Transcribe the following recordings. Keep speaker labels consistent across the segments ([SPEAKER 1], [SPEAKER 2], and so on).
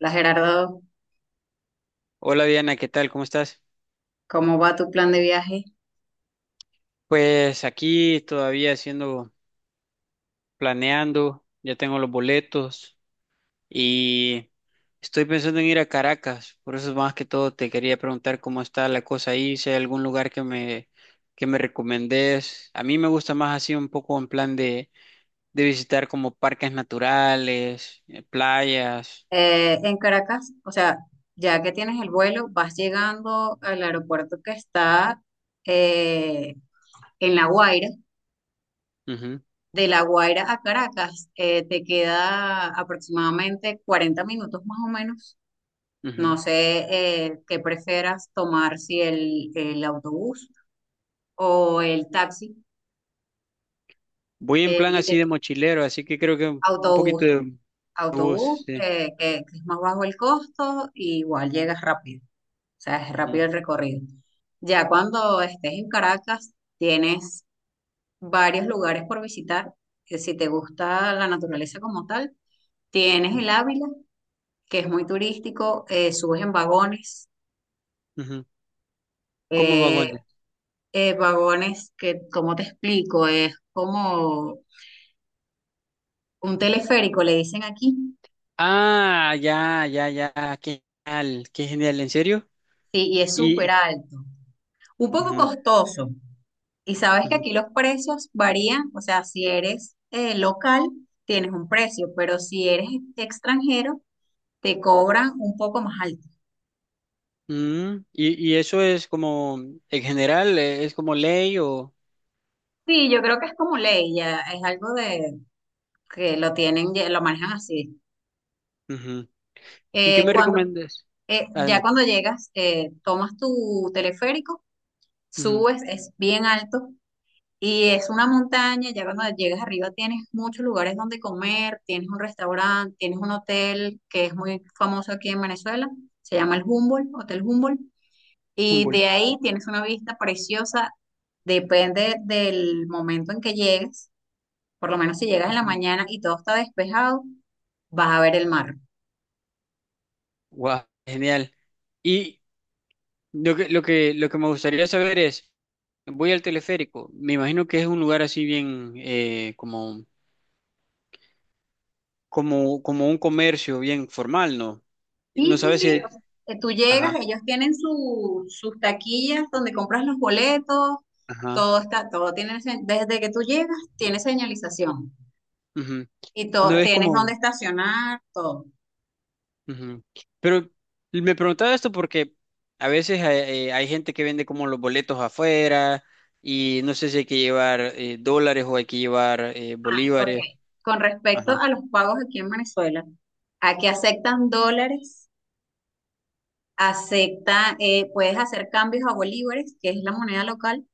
[SPEAKER 1] Hola Gerardo,
[SPEAKER 2] Hola Diana, ¿qué tal? ¿Cómo estás?
[SPEAKER 1] ¿cómo va tu plan de viaje?
[SPEAKER 2] Pues aquí todavía haciendo, planeando, ya tengo los boletos y estoy pensando en ir a Caracas, por eso más que todo te quería preguntar cómo está la cosa ahí, si hay algún lugar que me recomendés. A mí me gusta más así un poco en plan de visitar como parques naturales, playas.
[SPEAKER 1] En Caracas, o sea, ya que tienes el vuelo, vas llegando al aeropuerto que está eh, en La Guaira.
[SPEAKER 2] Ujú,
[SPEAKER 1] De La Guaira a Caracas, te queda aproximadamente 40 minutos más o menos.
[SPEAKER 2] ujú.
[SPEAKER 1] No sé qué prefieras tomar, si el autobús o el taxi.
[SPEAKER 2] Voy en
[SPEAKER 1] eh,
[SPEAKER 2] plan
[SPEAKER 1] y
[SPEAKER 2] así
[SPEAKER 1] te-
[SPEAKER 2] de mochilero, así que creo que un poquito
[SPEAKER 1] autobús,
[SPEAKER 2] de
[SPEAKER 1] autobús,
[SPEAKER 2] bus, sí.
[SPEAKER 1] que es más bajo el costo, y igual llegas rápido. O sea, es
[SPEAKER 2] Ujú,
[SPEAKER 1] rápido el recorrido. Ya cuando estés en Caracas, tienes varios lugares por visitar. Que Si te gusta la naturaleza como tal, tienes
[SPEAKER 2] ujú,
[SPEAKER 1] el Ávila, que es muy turístico, subes en vagones.
[SPEAKER 2] ujú. ¿Cómo
[SPEAKER 1] eh,
[SPEAKER 2] vagones?
[SPEAKER 1] Vagones que, ¿cómo te explico? Es como un teleférico, le dicen aquí.
[SPEAKER 2] Ah, ya, ya, ya, qué genial, ¿en serio?
[SPEAKER 1] Sí, y es súper
[SPEAKER 2] Y,
[SPEAKER 1] alto. Un poco
[SPEAKER 2] ujú,
[SPEAKER 1] costoso. Y sabes que
[SPEAKER 2] ujú.
[SPEAKER 1] aquí los precios varían, o sea, si eres local, tienes un precio, pero si eres extranjero, te cobran un poco más alto.
[SPEAKER 2] Mm, y eso es como, en general, es como ley o...
[SPEAKER 1] Sí, yo creo que es como ley, ya es algo de que lo tienen, ya lo manejan así.
[SPEAKER 2] Ujú. ¿Y qué
[SPEAKER 1] Eh,
[SPEAKER 2] me
[SPEAKER 1] cuando,
[SPEAKER 2] recomiendas?
[SPEAKER 1] ya
[SPEAKER 2] Adelante.
[SPEAKER 1] cuando llegas, tomas tu teleférico,
[SPEAKER 2] Ujú,
[SPEAKER 1] subes, es bien alto. Y es una montaña, ya cuando llegas arriba tienes muchos lugares donde comer, tienes un restaurante, tienes un hotel que es muy famoso aquí en Venezuela, se llama el Humboldt, Hotel Humboldt, y
[SPEAKER 2] Humboldt.
[SPEAKER 1] de ahí tienes una vista preciosa, depende del momento en que llegues, por lo menos si llegas en la
[SPEAKER 2] Ujú.
[SPEAKER 1] mañana y todo está despejado, vas a ver el mar.
[SPEAKER 2] Guau, genial. Y lo que me gustaría saber es, voy al teleférico, me imagino que es un lugar así bien, como, como un comercio bien formal, ¿no?
[SPEAKER 1] Sí,
[SPEAKER 2] No
[SPEAKER 1] sí,
[SPEAKER 2] sabes
[SPEAKER 1] sí.
[SPEAKER 2] si...
[SPEAKER 1] O sea, tú llegas,
[SPEAKER 2] Ajá,
[SPEAKER 1] ellos tienen sus taquillas donde compras los boletos,
[SPEAKER 2] ajá.
[SPEAKER 1] todo está, todo tiene, se- desde que tú llegas, tiene señalización
[SPEAKER 2] Ujú.
[SPEAKER 1] y
[SPEAKER 2] No
[SPEAKER 1] todo,
[SPEAKER 2] es
[SPEAKER 1] tienes dónde
[SPEAKER 2] como...
[SPEAKER 1] estacionar, todo.
[SPEAKER 2] Ujú. Pero me preguntaba esto porque a veces hay, hay gente que vende como los boletos afuera y no sé si hay que llevar dólares o hay que llevar
[SPEAKER 1] Ah, ok.
[SPEAKER 2] bolívares.
[SPEAKER 1] Con respecto
[SPEAKER 2] Ajá.
[SPEAKER 1] a los pagos aquí en Venezuela, aquí aceptan dólares, puedes hacer cambios a bolívares, que es la moneda local,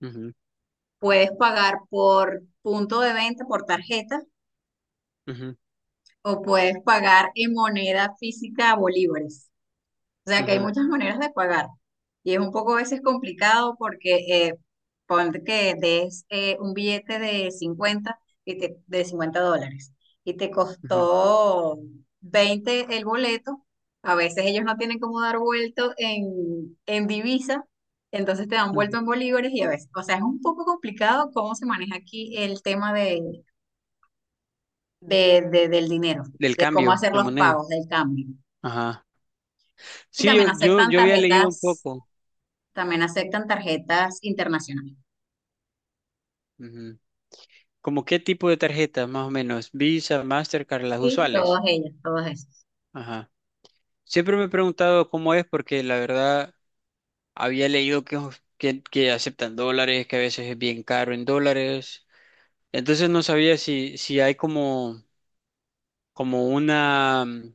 [SPEAKER 2] Ujú,
[SPEAKER 1] puedes pagar por punto de venta, por tarjeta,
[SPEAKER 2] ujú,
[SPEAKER 1] o puedes pagar en moneda física a bolívares. O sea que hay
[SPEAKER 2] ujú,
[SPEAKER 1] muchas maneras de pagar y es un poco a veces complicado porque ponte que des un billete de 50 de $50 y te
[SPEAKER 2] ujú,
[SPEAKER 1] costó 20 el boleto. A veces ellos no tienen cómo dar vuelto en divisa, entonces te dan vuelto
[SPEAKER 2] ujú.
[SPEAKER 1] en bolívares y a veces, o sea, es un poco complicado cómo se maneja aquí el tema del dinero,
[SPEAKER 2] Del
[SPEAKER 1] de cómo
[SPEAKER 2] cambio
[SPEAKER 1] hacer
[SPEAKER 2] de
[SPEAKER 1] los
[SPEAKER 2] moneda.
[SPEAKER 1] pagos del cambio.
[SPEAKER 2] Ajá.
[SPEAKER 1] Y
[SPEAKER 2] Sí,
[SPEAKER 1] también
[SPEAKER 2] yo, yo,
[SPEAKER 1] aceptan
[SPEAKER 2] yo había leído un
[SPEAKER 1] tarjetas
[SPEAKER 2] poco.
[SPEAKER 1] También aceptan tarjetas internacionales.
[SPEAKER 2] Ujú. Como qué tipo de tarjetas, más o menos. Visa, Mastercard, las
[SPEAKER 1] Sí,
[SPEAKER 2] usuales.
[SPEAKER 1] todas ellas, todas esas.
[SPEAKER 2] Ajá. Siempre me he preguntado cómo es porque la verdad... Había leído que aceptan dólares, que a veces es bien caro en dólares. Entonces no sabía si, si hay como, como una, mm,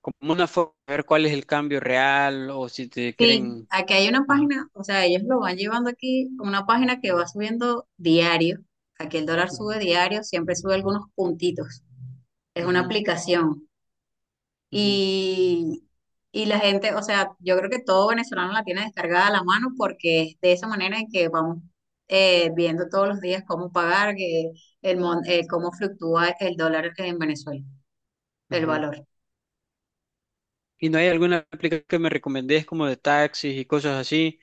[SPEAKER 2] como una forma de ver cuál es el cambio real o si te
[SPEAKER 1] Sí,
[SPEAKER 2] quieren.
[SPEAKER 1] aquí hay una
[SPEAKER 2] Ajá.
[SPEAKER 1] página, o sea, ellos lo van llevando aquí, una página que va subiendo diario. Aquí el dólar
[SPEAKER 2] Ujú,
[SPEAKER 1] sube diario, siempre sube algunos puntitos. Es una
[SPEAKER 2] ujú,
[SPEAKER 1] aplicación.
[SPEAKER 2] ujú,
[SPEAKER 1] Y, y la gente, o sea, yo creo que todo venezolano la tiene descargada a la mano porque es de esa manera en que vamos viendo todos los días cómo pagar, cómo fluctúa el dólar en Venezuela, el
[SPEAKER 2] ujú.
[SPEAKER 1] valor.
[SPEAKER 2] ¿Y no hay alguna aplicación que me recomendés como de taxis y cosas así,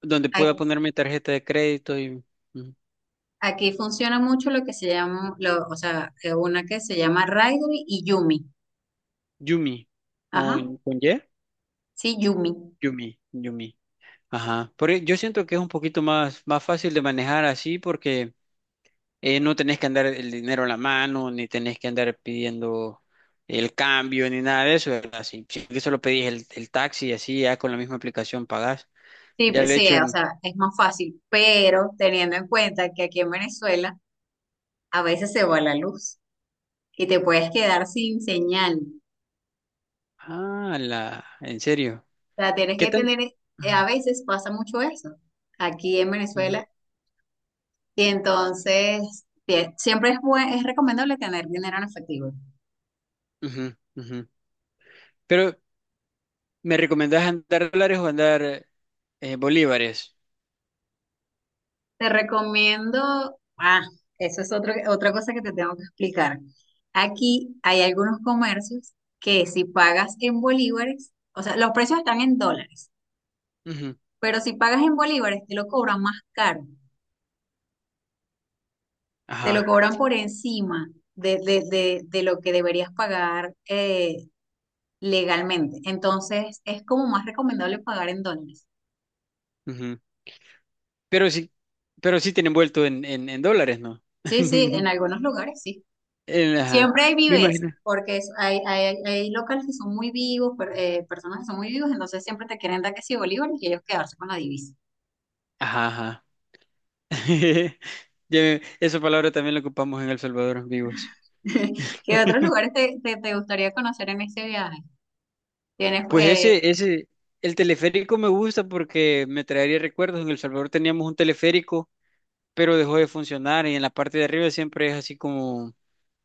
[SPEAKER 2] donde pueda poner mi tarjeta de crédito y ujú?
[SPEAKER 1] Aquí funciona mucho lo que se llama, una que se llama Raidly y Yumi.
[SPEAKER 2] Yumi
[SPEAKER 1] Ajá,
[SPEAKER 2] con, ¿con Y?
[SPEAKER 1] sí, Yumi.
[SPEAKER 2] Yumi, Yumi. Ajá. Por, e- yo siento que es un poquito más, más fácil de manejar así porque no tenés que andar el dinero en la mano, ni tenés que andar pidiendo el cambio, ni nada de eso, ¿verdad? Si, si que solo pedís el taxi y así, ya con la misma aplicación pagás.
[SPEAKER 1] Sí,
[SPEAKER 2] Ya lo he
[SPEAKER 1] sí,
[SPEAKER 2] hecho
[SPEAKER 1] o
[SPEAKER 2] en...
[SPEAKER 1] sea, es más fácil, pero teniendo en cuenta que aquí en Venezuela a veces se va la luz y te puedes quedar sin señal.
[SPEAKER 2] Ah, la... ¿En serio?
[SPEAKER 1] O sea, tienes
[SPEAKER 2] ¿Qué
[SPEAKER 1] que
[SPEAKER 2] tan...?
[SPEAKER 1] tener, a veces pasa mucho eso aquí en
[SPEAKER 2] Ujú,
[SPEAKER 1] Venezuela y entonces es recomendable tener dinero en efectivo.
[SPEAKER 2] ujú, ujú. Pero, ¿me recomendás andar dólares o andar bolívares?
[SPEAKER 1] Te recomiendo, ah, eso es otra cosa que te tengo que explicar. Aquí hay algunos comercios que si pagas en bolívares, o sea, los precios están en dólares,
[SPEAKER 2] Ujú,
[SPEAKER 1] pero si pagas en bolívares te lo cobran más caro, te lo
[SPEAKER 2] ajá,
[SPEAKER 1] cobran por encima de lo que deberías pagar legalmente. Entonces es como más recomendable pagar en dólares.
[SPEAKER 2] ujú. Pero sí, pero sí tienen vuelto en dólares, ¿no?
[SPEAKER 1] Sí, sí, en algunos lugares sí.
[SPEAKER 2] En- ajá.
[SPEAKER 1] Siempre hay
[SPEAKER 2] Me
[SPEAKER 1] vives,
[SPEAKER 2] imagino.
[SPEAKER 1] porque hay locales que son muy vivos, personas que son muy vivos, entonces siempre te quieren dar que si bolívares y ellos quedarse con la divisa.
[SPEAKER 2] Ajá, ajá. Ya, me- Esa palabra también la ocupamos en El Salvador, vivos.
[SPEAKER 1] ¿Qué otros lugares te gustaría conocer en este viaje? Tienes
[SPEAKER 2] Pues ese, el teleférico me gusta porque me traería recuerdos. En El Salvador teníamos un teleférico, pero dejó de funcionar y en la parte de arriba siempre es así como,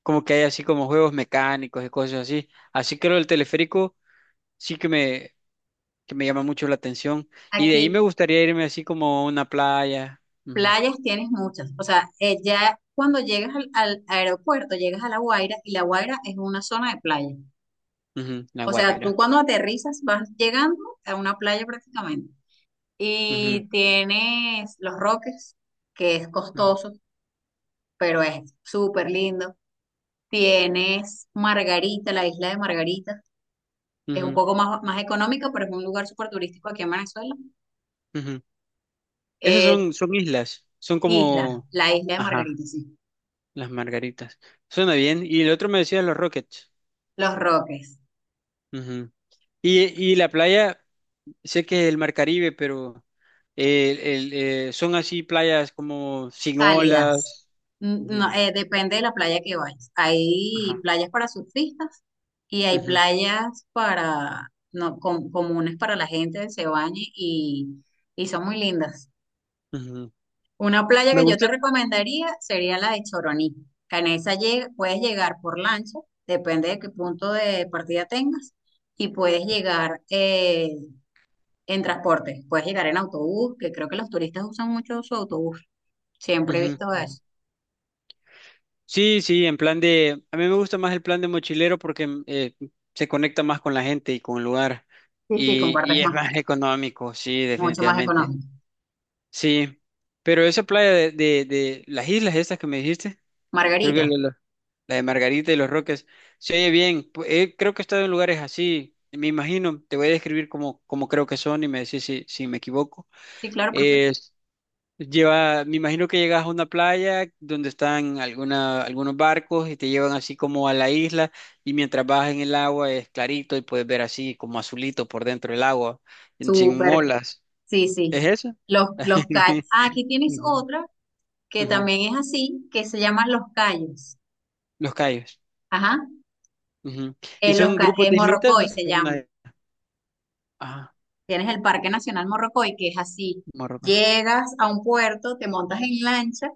[SPEAKER 2] como que hay así como juegos mecánicos y cosas así. Así que lo del teleférico sí que me llama mucho la atención. Y de ahí me
[SPEAKER 1] aquí
[SPEAKER 2] gustaría irme así como a una playa, ujú,
[SPEAKER 1] playas, tienes muchas. O sea, ya cuando llegas al aeropuerto, llegas a La Guaira y La Guaira es una zona de playa.
[SPEAKER 2] ujú, La
[SPEAKER 1] O sea, tú
[SPEAKER 2] Guaira.
[SPEAKER 1] cuando aterrizas vas llegando a una playa prácticamente.
[SPEAKER 2] Ujú,
[SPEAKER 1] Y tienes Los Roques, que es
[SPEAKER 2] ujú,
[SPEAKER 1] costoso pero es súper lindo. Tienes Margarita, la isla de Margarita. Es un
[SPEAKER 2] ujú,
[SPEAKER 1] poco más económica, pero es un lugar súper turístico aquí en Venezuela.
[SPEAKER 2] ujú. Esas
[SPEAKER 1] Eh,
[SPEAKER 2] son, son islas, son como...
[SPEAKER 1] la isla de
[SPEAKER 2] Ajá,
[SPEAKER 1] Margarita, sí.
[SPEAKER 2] las margaritas. Suena bien. Y el otro me decía los Rockets.
[SPEAKER 1] Los Roques,
[SPEAKER 2] Ujú. Y, y la playa, sé que es el Mar Caribe, pero el, son así playas como sin
[SPEAKER 1] cálidas.
[SPEAKER 2] olas. Ujú.
[SPEAKER 1] No, depende de la playa que vayas. Hay
[SPEAKER 2] Ajá.
[SPEAKER 1] playas para surfistas y hay
[SPEAKER 2] Ujú,
[SPEAKER 1] playas para, no, com- comunes para la gente, que se bañe y son muy lindas.
[SPEAKER 2] ujú.
[SPEAKER 1] Una playa
[SPEAKER 2] Me
[SPEAKER 1] que yo te
[SPEAKER 2] gusta.
[SPEAKER 1] recomendaría sería la de Choroní. Que en esa puedes llegar por lancha, depende de qué punto de partida tengas, y puedes llegar en transporte. Puedes llegar en autobús, que creo que los turistas usan mucho su autobús. Siempre he
[SPEAKER 2] Ujú,
[SPEAKER 1] visto
[SPEAKER 2] ujú.
[SPEAKER 1] eso.
[SPEAKER 2] Sí, sí, en plan de... A mí me gusta más el plan de mochilero porque mm, se conecta más con la gente y con el lugar.
[SPEAKER 1] Sí, sí, compartes
[SPEAKER 2] Y es
[SPEAKER 1] más,
[SPEAKER 2] más económico, sí,
[SPEAKER 1] mucho más
[SPEAKER 2] definitivamente.
[SPEAKER 1] económico.
[SPEAKER 2] Sí, pero esa playa de las islas estas que me dijiste, creo que
[SPEAKER 1] Margarita.
[SPEAKER 2] la- la de Margarita y los Roques, se oye bien. Pu- creo que he estado en lugares así, me imagino, te voy a describir como, como creo que son y me decís si, si me equivoco.
[SPEAKER 1] Sí, claro, perfecto.
[SPEAKER 2] Es, lleva, me imagino que llegas a una playa donde están alguna, algunos barcos y te llevan así como a la isla y mientras vas en el agua es clarito y puedes ver así como azulito por dentro del agua, sin
[SPEAKER 1] Súper.
[SPEAKER 2] olas.
[SPEAKER 1] Sí,
[SPEAKER 2] ¿Es
[SPEAKER 1] sí.
[SPEAKER 2] eso?
[SPEAKER 1] Los callos. Ah, aquí tienes
[SPEAKER 2] Ujú,
[SPEAKER 1] otra que
[SPEAKER 2] ujú.
[SPEAKER 1] también es así, que se llaman los callos.
[SPEAKER 2] Los Cayos.
[SPEAKER 1] Ajá.
[SPEAKER 2] Ujú. ¿Y son grupos de islitas
[SPEAKER 1] Morrocoy
[SPEAKER 2] o son
[SPEAKER 1] se llama.
[SPEAKER 2] una... Ah,
[SPEAKER 1] Tienes el Parque Nacional Morrocoy, que es así.
[SPEAKER 2] Marruecos.
[SPEAKER 1] Llegas a un puerto, te montas en lancha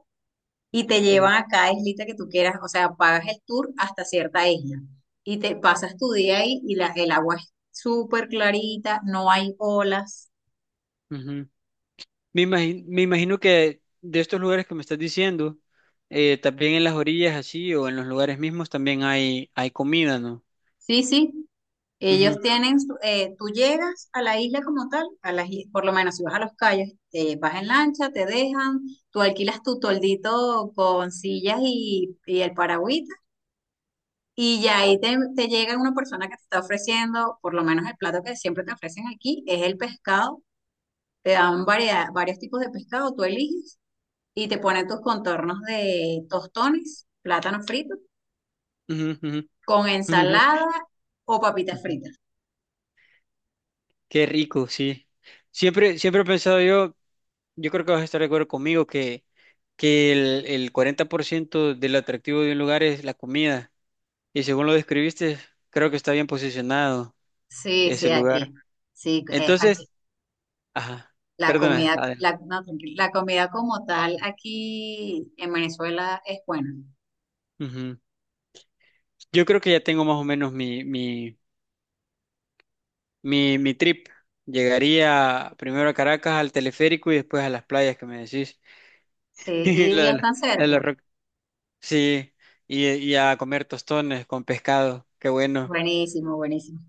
[SPEAKER 1] y te
[SPEAKER 2] Mm,
[SPEAKER 1] llevan a cada islita que tú quieras. O sea, pagas el tour hasta cierta isla y te pasas tu día ahí y el agua es súper clarita, no hay olas.
[SPEAKER 2] ujú. Me imagino que de estos lugares que me estás diciendo, también en las orillas así o en los lugares mismos también hay comida, ¿no?
[SPEAKER 1] Sí, sí.
[SPEAKER 2] Ujú,
[SPEAKER 1] Tú llegas a la isla como tal, por lo menos si vas a Los Cayos, te vas en lancha, te dejan, tú alquilas tu toldito con sillas y el paragüita. Y ya ahí te llega una persona que te está ofreciendo, por lo menos el plato que siempre te ofrecen aquí, es el pescado. Te dan variedad, varios tipos de pescado, tú eliges y te ponen tus contornos de tostones, plátano frito,
[SPEAKER 2] ujú, ujú,
[SPEAKER 1] con
[SPEAKER 2] ujú,
[SPEAKER 1] ensalada o papitas
[SPEAKER 2] ujú.
[SPEAKER 1] fritas.
[SPEAKER 2] Qué rico, sí. Siempre, siempre he pensado yo, yo creo que vas a estar de acuerdo conmigo que el 40% del atractivo de un lugar es la comida. Y según lo describiste, creo que está bien posicionado
[SPEAKER 1] Sí,
[SPEAKER 2] ese
[SPEAKER 1] sí, aquí.
[SPEAKER 2] lugar.
[SPEAKER 1] Sí, aquí.
[SPEAKER 2] Entonces, ajá,
[SPEAKER 1] La
[SPEAKER 2] perdona,
[SPEAKER 1] comida, la,
[SPEAKER 2] Adela.
[SPEAKER 1] no, Tranquilo. La comida como tal aquí en Venezuela es buena.
[SPEAKER 2] Ujú. Yo creo que ya tengo más o menos mi trip. Llegaría primero a Caracas, al teleférico y después a las playas que me decís.
[SPEAKER 1] Sí,
[SPEAKER 2] Y lo
[SPEAKER 1] y
[SPEAKER 2] de la,
[SPEAKER 1] están
[SPEAKER 2] la de la
[SPEAKER 1] cerca.
[SPEAKER 2] roca. Sí, y a comer tostones con pescado. Qué bueno.
[SPEAKER 1] Buenísimo, buenísimo.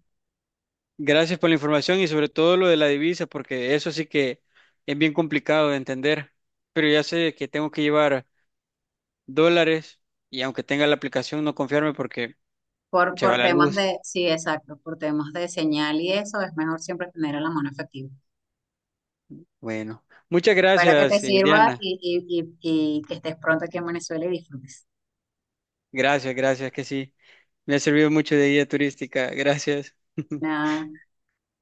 [SPEAKER 2] Gracias por la información y sobre todo lo de la divisa, porque eso sí que es bien complicado de entender. Pero ya sé que tengo que llevar dólares y aunque tenga la aplicación, no confiarme porque se va la luz.
[SPEAKER 1] Sí, exacto, por temas de señal y eso, es mejor siempre tener a la mano efectiva.
[SPEAKER 2] Bueno, muchas
[SPEAKER 1] Espero que te
[SPEAKER 2] gracias,
[SPEAKER 1] sirva
[SPEAKER 2] Diana.
[SPEAKER 1] y que estés pronto aquí en Venezuela y disfrutes.
[SPEAKER 2] Gracias, gracias, que sí. Me ha servido mucho de guía turística. Gracias.
[SPEAKER 1] Nada.